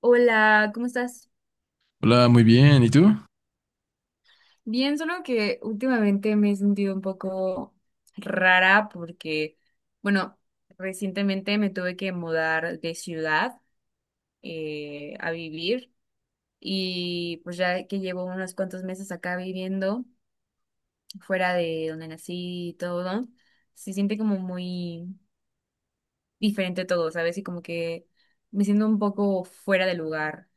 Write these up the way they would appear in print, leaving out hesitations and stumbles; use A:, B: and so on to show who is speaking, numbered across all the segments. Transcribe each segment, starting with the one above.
A: Hola, ¿cómo estás?
B: Hola, muy bien. ¿Y tú?
A: Bien, solo que últimamente me he sentido un poco rara porque, bueno, recientemente me tuve que mudar de ciudad a vivir, y pues ya que llevo unos cuantos meses acá viviendo, fuera de donde nací y todo, se siente como muy diferente todo, ¿sabes? Y como que me siento un poco fuera de lugar.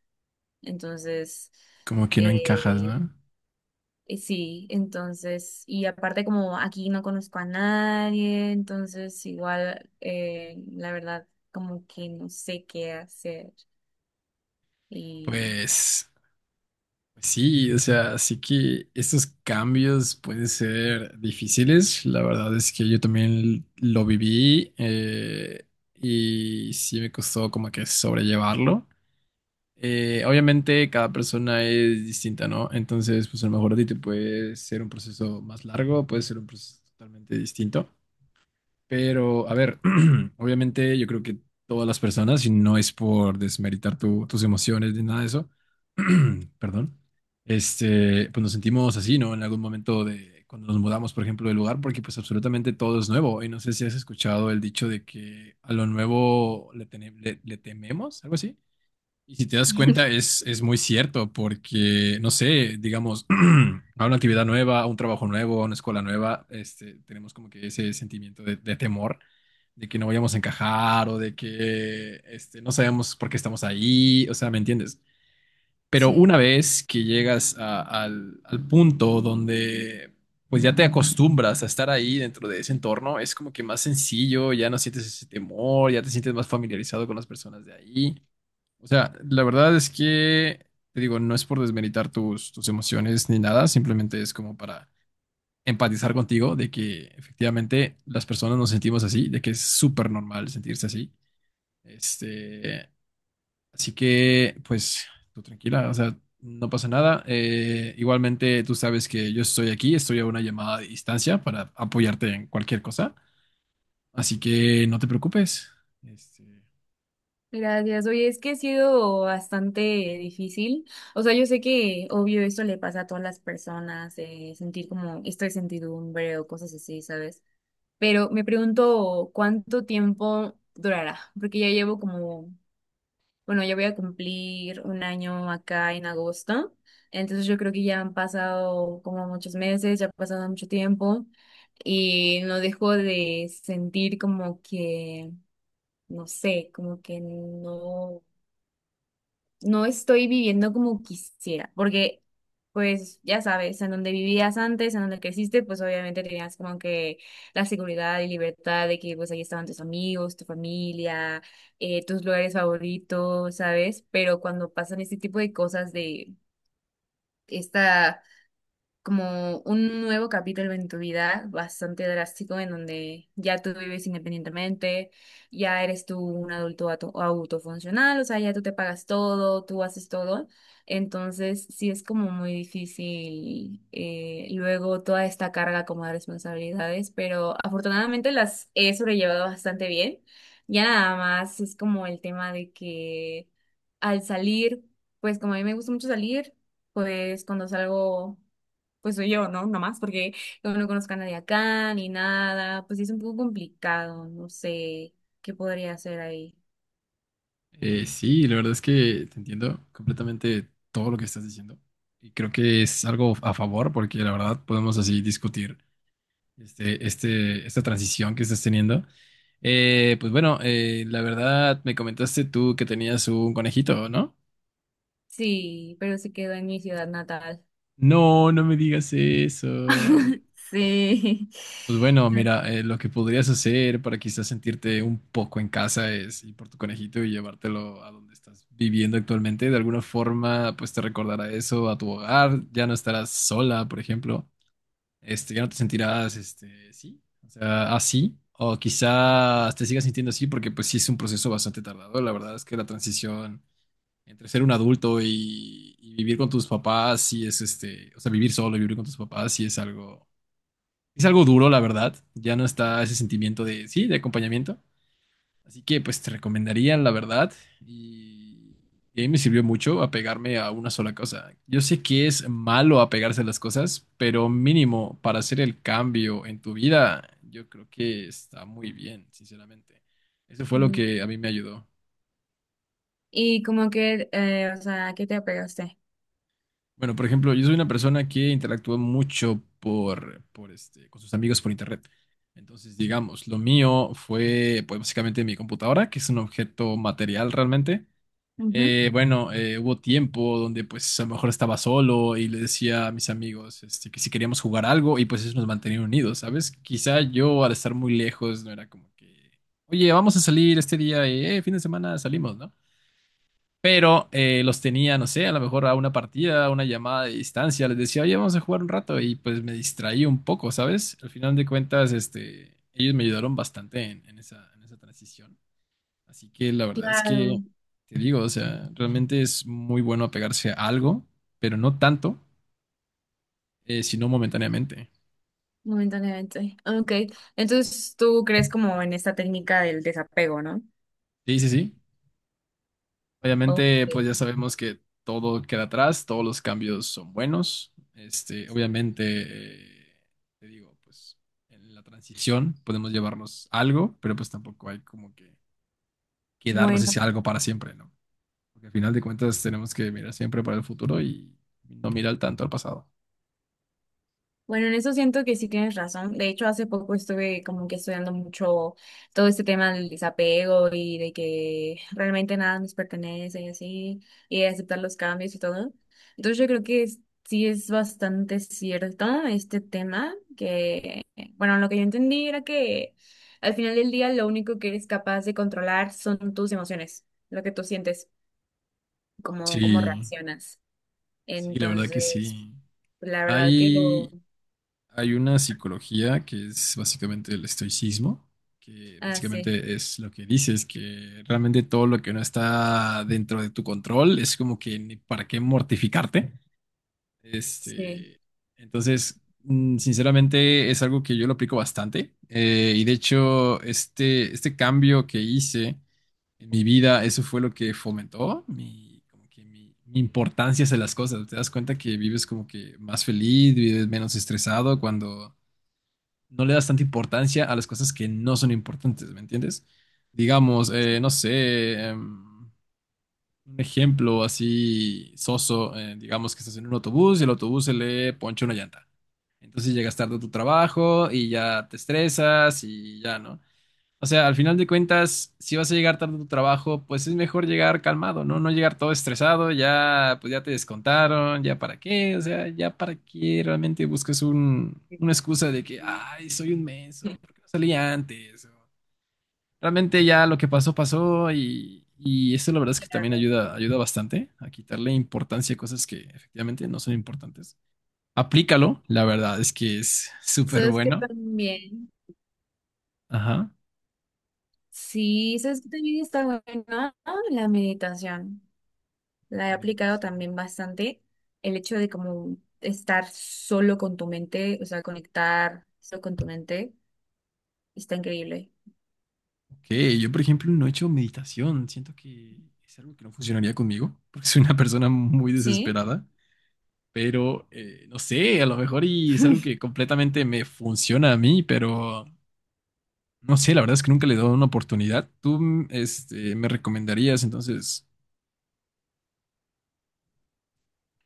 A: Entonces...
B: Como que no encajas,
A: Eh,
B: ¿no?
A: Sí, entonces, y aparte como aquí no conozco a nadie, entonces igual, la verdad, como que no sé qué hacer. Y
B: Pues pues sí, o sea, sí que estos cambios pueden ser difíciles. La verdad es que yo también lo viví y sí me costó como que sobrellevarlo. Obviamente cada persona es distinta, ¿no? Entonces, pues a lo mejor a ti te puede ser un proceso más largo, puede ser un proceso totalmente distinto. Pero, a ver, obviamente yo creo que todas las personas, y no es por desmeritar tus emociones ni nada de eso, perdón, pues nos sentimos así, ¿no? En algún momento de cuando nos mudamos, por ejemplo, del lugar, porque pues absolutamente todo es nuevo. Y no sé si has escuchado el dicho de que a lo nuevo le, tene- le le tememos, algo así. Y si te das cuenta, es muy cierto, porque, no sé, digamos, a una actividad nueva, a un trabajo nuevo, a una escuela nueva, tenemos como que ese sentimiento de temor, de que no vayamos a encajar o de que no sabemos por qué estamos ahí, o sea, ¿me entiendes? Pero
A: sí,
B: una vez que llegas al punto donde pues ya te acostumbras a estar ahí dentro de ese entorno, es como que más sencillo, ya no sientes ese temor, ya te sientes más familiarizado con las personas de ahí. O sea, la verdad es que, te digo, no es por desmeritar tus emociones ni nada, simplemente es como para empatizar contigo de que efectivamente las personas nos sentimos así, de que es súper normal sentirse así. Este, Así que, pues, tú tranquila, o sea, no pasa nada. Igualmente, tú sabes que yo estoy aquí, estoy a una llamada de distancia para apoyarte en cualquier cosa, así que no te preocupes. Este,
A: gracias. Oye, es que ha sido bastante difícil. O sea, yo sé que obvio esto le pasa a todas las personas, sentir como esto de sentidumbre o cosas así, ¿sabes? Pero me pregunto cuánto tiempo durará, porque ya llevo como... Bueno, yo voy a cumplir un año acá en agosto, entonces yo creo que ya han pasado como muchos meses, ya ha pasado mucho tiempo, y no dejo de sentir como que, no sé, como que no estoy viviendo como quisiera, porque pues ya sabes, en donde vivías antes, en donde creciste, pues obviamente tenías como que la seguridad y libertad de que pues ahí estaban tus amigos, tu familia, tus lugares favoritos, ¿sabes? Pero cuando pasan este tipo de cosas de esta como un nuevo capítulo en tu vida, bastante drástico, en donde ya tú vives independientemente, ya eres tú un adulto autofuncional, o sea, ya tú te pagas todo, tú haces todo. Entonces, sí es como muy difícil, luego toda esta carga como de responsabilidades, pero afortunadamente las he sobrellevado bastante bien. Ya nada más es como el tema de que al salir, pues como a mí me gusta mucho salir, pues cuando salgo pues soy yo, ¿no? Nomás, porque yo no conozco a nadie acá ni nada, pues sí es un poco complicado, no sé qué podría hacer ahí.
B: Sí, la verdad es que te entiendo completamente todo lo que estás diciendo y creo que es algo a favor porque la verdad podemos así discutir esta transición que estás teniendo. Pues bueno, la verdad me comentaste tú que tenías un conejito, ¿no?
A: Sí, pero se quedó en mi ciudad natal.
B: No, no me digas eso.
A: Sí.
B: Pues bueno, mira, lo que podrías hacer para quizás sentirte un poco en casa es ir por tu conejito y llevártelo a donde estás viviendo actualmente. De alguna forma, pues te recordará eso a tu hogar. Ya no estarás sola, por ejemplo. Ya no te sentirás, sí, o sea, así. O quizás te sigas sintiendo así porque pues sí es un proceso bastante tardado. La verdad es que la transición entre ser un adulto y vivir con tus papás, sí es o sea, vivir solo y vivir con tus papás, sí es algo duro, la verdad. Ya no está ese sentimiento de, sí, de acompañamiento. Así que pues te recomendaría, la verdad. Y, y a mí me sirvió mucho apegarme a una sola cosa. Yo sé que es malo apegarse a las cosas, pero mínimo para hacer el cambio en tu vida, yo creo que está muy bien, sinceramente. Eso fue lo
A: Mm.
B: que a mí me ayudó.
A: Y como que, o sea, ¿qué te apegaste?
B: Bueno, por ejemplo, yo soy una persona que interactúa mucho con sus amigos por internet. Entonces, digamos, lo mío fue, pues, básicamente mi computadora, que es un objeto material realmente.
A: Ujú.
B: Bueno, hubo tiempo donde, pues, a lo mejor estaba solo y le decía a mis amigos, que si queríamos jugar algo y, pues, eso nos mantenía unidos, ¿sabes? Quizá yo, al estar muy lejos, no era como que, oye, vamos a salir este día, fin de semana salimos, ¿no? Pero los tenía, no sé, a lo mejor a una partida, a una llamada de distancia. Les decía, oye, vamos a jugar un rato. Y pues me distraí un poco, ¿sabes? Al final de cuentas, ellos me ayudaron bastante en esa transición. Así que la verdad es que,
A: Claro,
B: te digo, o sea, realmente es muy bueno apegarse a algo, pero no tanto, sino momentáneamente.
A: momentáneamente. Ok, entonces tú crees como en esta técnica del desapego, ¿no?
B: Sí, sí, sí.
A: Ok.
B: Obviamente, pues ya sabemos que todo queda atrás, todos los cambios son buenos. Este, obviamente, eh, te digo, pues en la transición podemos llevarnos algo, pero pues tampoco hay como que quedarnos
A: Bueno.
B: ese algo para siempre, ¿no? Porque al final de cuentas tenemos que mirar siempre para el futuro y no mirar tanto al pasado.
A: Bueno, en eso siento que sí tienes razón. De hecho, hace poco estuve como que estudiando mucho todo este tema del desapego y de que realmente nada nos pertenece y así, y de aceptar los cambios y todo. Entonces yo creo que sí es bastante cierto este tema, que, bueno, lo que yo entendí era que al final del día lo único que eres capaz de controlar son tus emociones, lo que tú sientes, cómo, cómo
B: Sí,
A: reaccionas.
B: sí, la verdad que
A: Entonces,
B: sí.
A: la verdad que lo...
B: Hay Hay una psicología que es básicamente el estoicismo, que
A: Ah, sí.
B: básicamente es lo que dices, que realmente todo lo que no está dentro de tu control es como que ni para qué mortificarte.
A: Sí.
B: Este, entonces, sinceramente es algo que yo lo aplico bastante. Y de hecho, este cambio que hice en mi vida, eso fue lo que fomentó mi, como que mi importancia hacia las cosas. Te das cuenta que vives como que más feliz, vives menos estresado cuando no le das tanta importancia a las cosas que no son importantes, ¿me entiendes? Digamos, no sé, un ejemplo así soso, digamos que estás en un autobús y el autobús se le poncha una llanta. Entonces llegas tarde a tu trabajo y ya te estresas y ya, ¿no? O sea, al final de cuentas, si vas a llegar tarde a tu trabajo, pues es mejor llegar calmado, ¿no? No llegar todo estresado, ya, pues ya te descontaron, ya para qué, o sea, ya para qué realmente buscas una excusa de que,
A: Ujú.
B: ay, soy un menso, ¿por qué no salí antes? O, realmente ya lo que pasó, pasó y eso la verdad es que también
A: Claro.
B: ayuda, ayuda bastante a quitarle importancia a cosas que efectivamente no son importantes. Aplícalo, la verdad es que es súper
A: Sabes que
B: bueno.
A: también,
B: Ajá.
A: sí, sabes que también está buena la meditación. La he
B: La
A: aplicado
B: meditación.
A: también bastante. El hecho de como estar solo con tu mente, o sea, conectar solo con tu mente, está increíble.
B: Que yo, por ejemplo, no he hecho meditación. Siento que es algo que no funcionaría conmigo, porque soy una persona muy
A: ¿Sí?
B: desesperada. Pero, no sé, a lo mejor y es algo que completamente me funciona a mí, pero no sé, la verdad es que nunca le he dado una oportunidad. Tú, me recomendarías, entonces,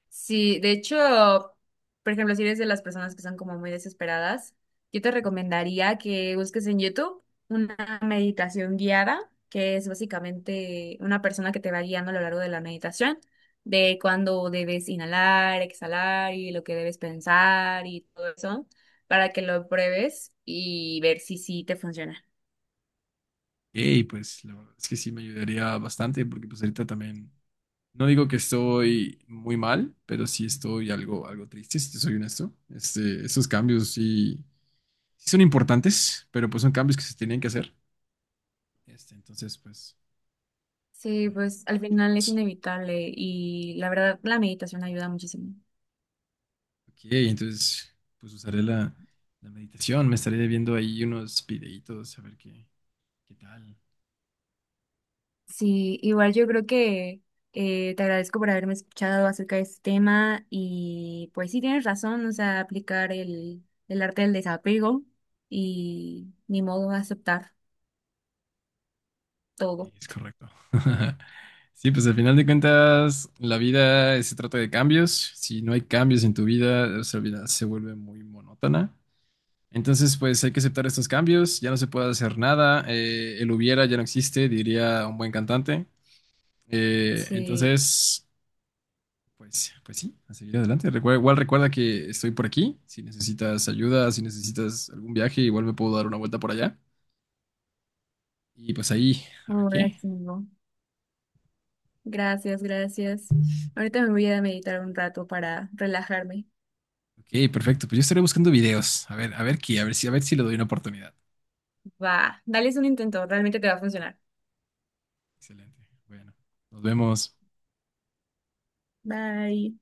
A: Sí, de hecho, por ejemplo, si eres de las personas que son como muy desesperadas, yo te recomendaría que busques en YouTube una meditación guiada, que es básicamente una persona que te va guiando a lo largo de la meditación, de cuándo debes inhalar, exhalar y lo que debes pensar y todo eso, para que lo pruebes y ver si sí te funciona.
B: hey, pues la verdad es que sí me ayudaría bastante, porque pues ahorita también, no digo que estoy muy mal, pero sí estoy algo triste, si te soy honesto. Este, esos cambios sí son importantes, pero pues son cambios que se tenían que hacer. Este, entonces, pues,
A: Sí,
B: no
A: pues
B: hay
A: al
B: mucho
A: final es
B: más.
A: inevitable y la verdad la meditación ayuda muchísimo.
B: Ok, entonces, pues usaré la meditación, me estaré viendo ahí unos videitos a ver qué tal.
A: Sí, igual yo creo que te agradezco por haberme escuchado acerca de este tema y pues sí tienes razón, o sea, aplicar el arte del desapego y ni modo aceptar
B: Sí,
A: todo.
B: es correcto. Sí, pues al final de cuentas, la vida se trata de cambios. Si no hay cambios en tu vida, nuestra vida se vuelve muy monótona. Entonces, pues hay que aceptar estos cambios. Ya no se puede hacer nada. El hubiera ya no existe, diría un buen cantante.
A: Sí,
B: Entonces, pues, pues sí, a seguir adelante. Igual recuerda que estoy por aquí. Si necesitas ayuda, si necesitas algún viaje, igual me puedo dar una vuelta por allá. Y pues ahí, a ver
A: ahora
B: qué.
A: sí, ¿no? Gracias, gracias. Ahorita me voy a meditar un rato para relajarme.
B: Ok, perfecto. Pues yo estaré buscando videos. A ver qué, a ver si le doy una oportunidad.
A: Va, dales un intento, realmente te va a funcionar.
B: Excelente. Bueno, nos vemos.
A: Bye.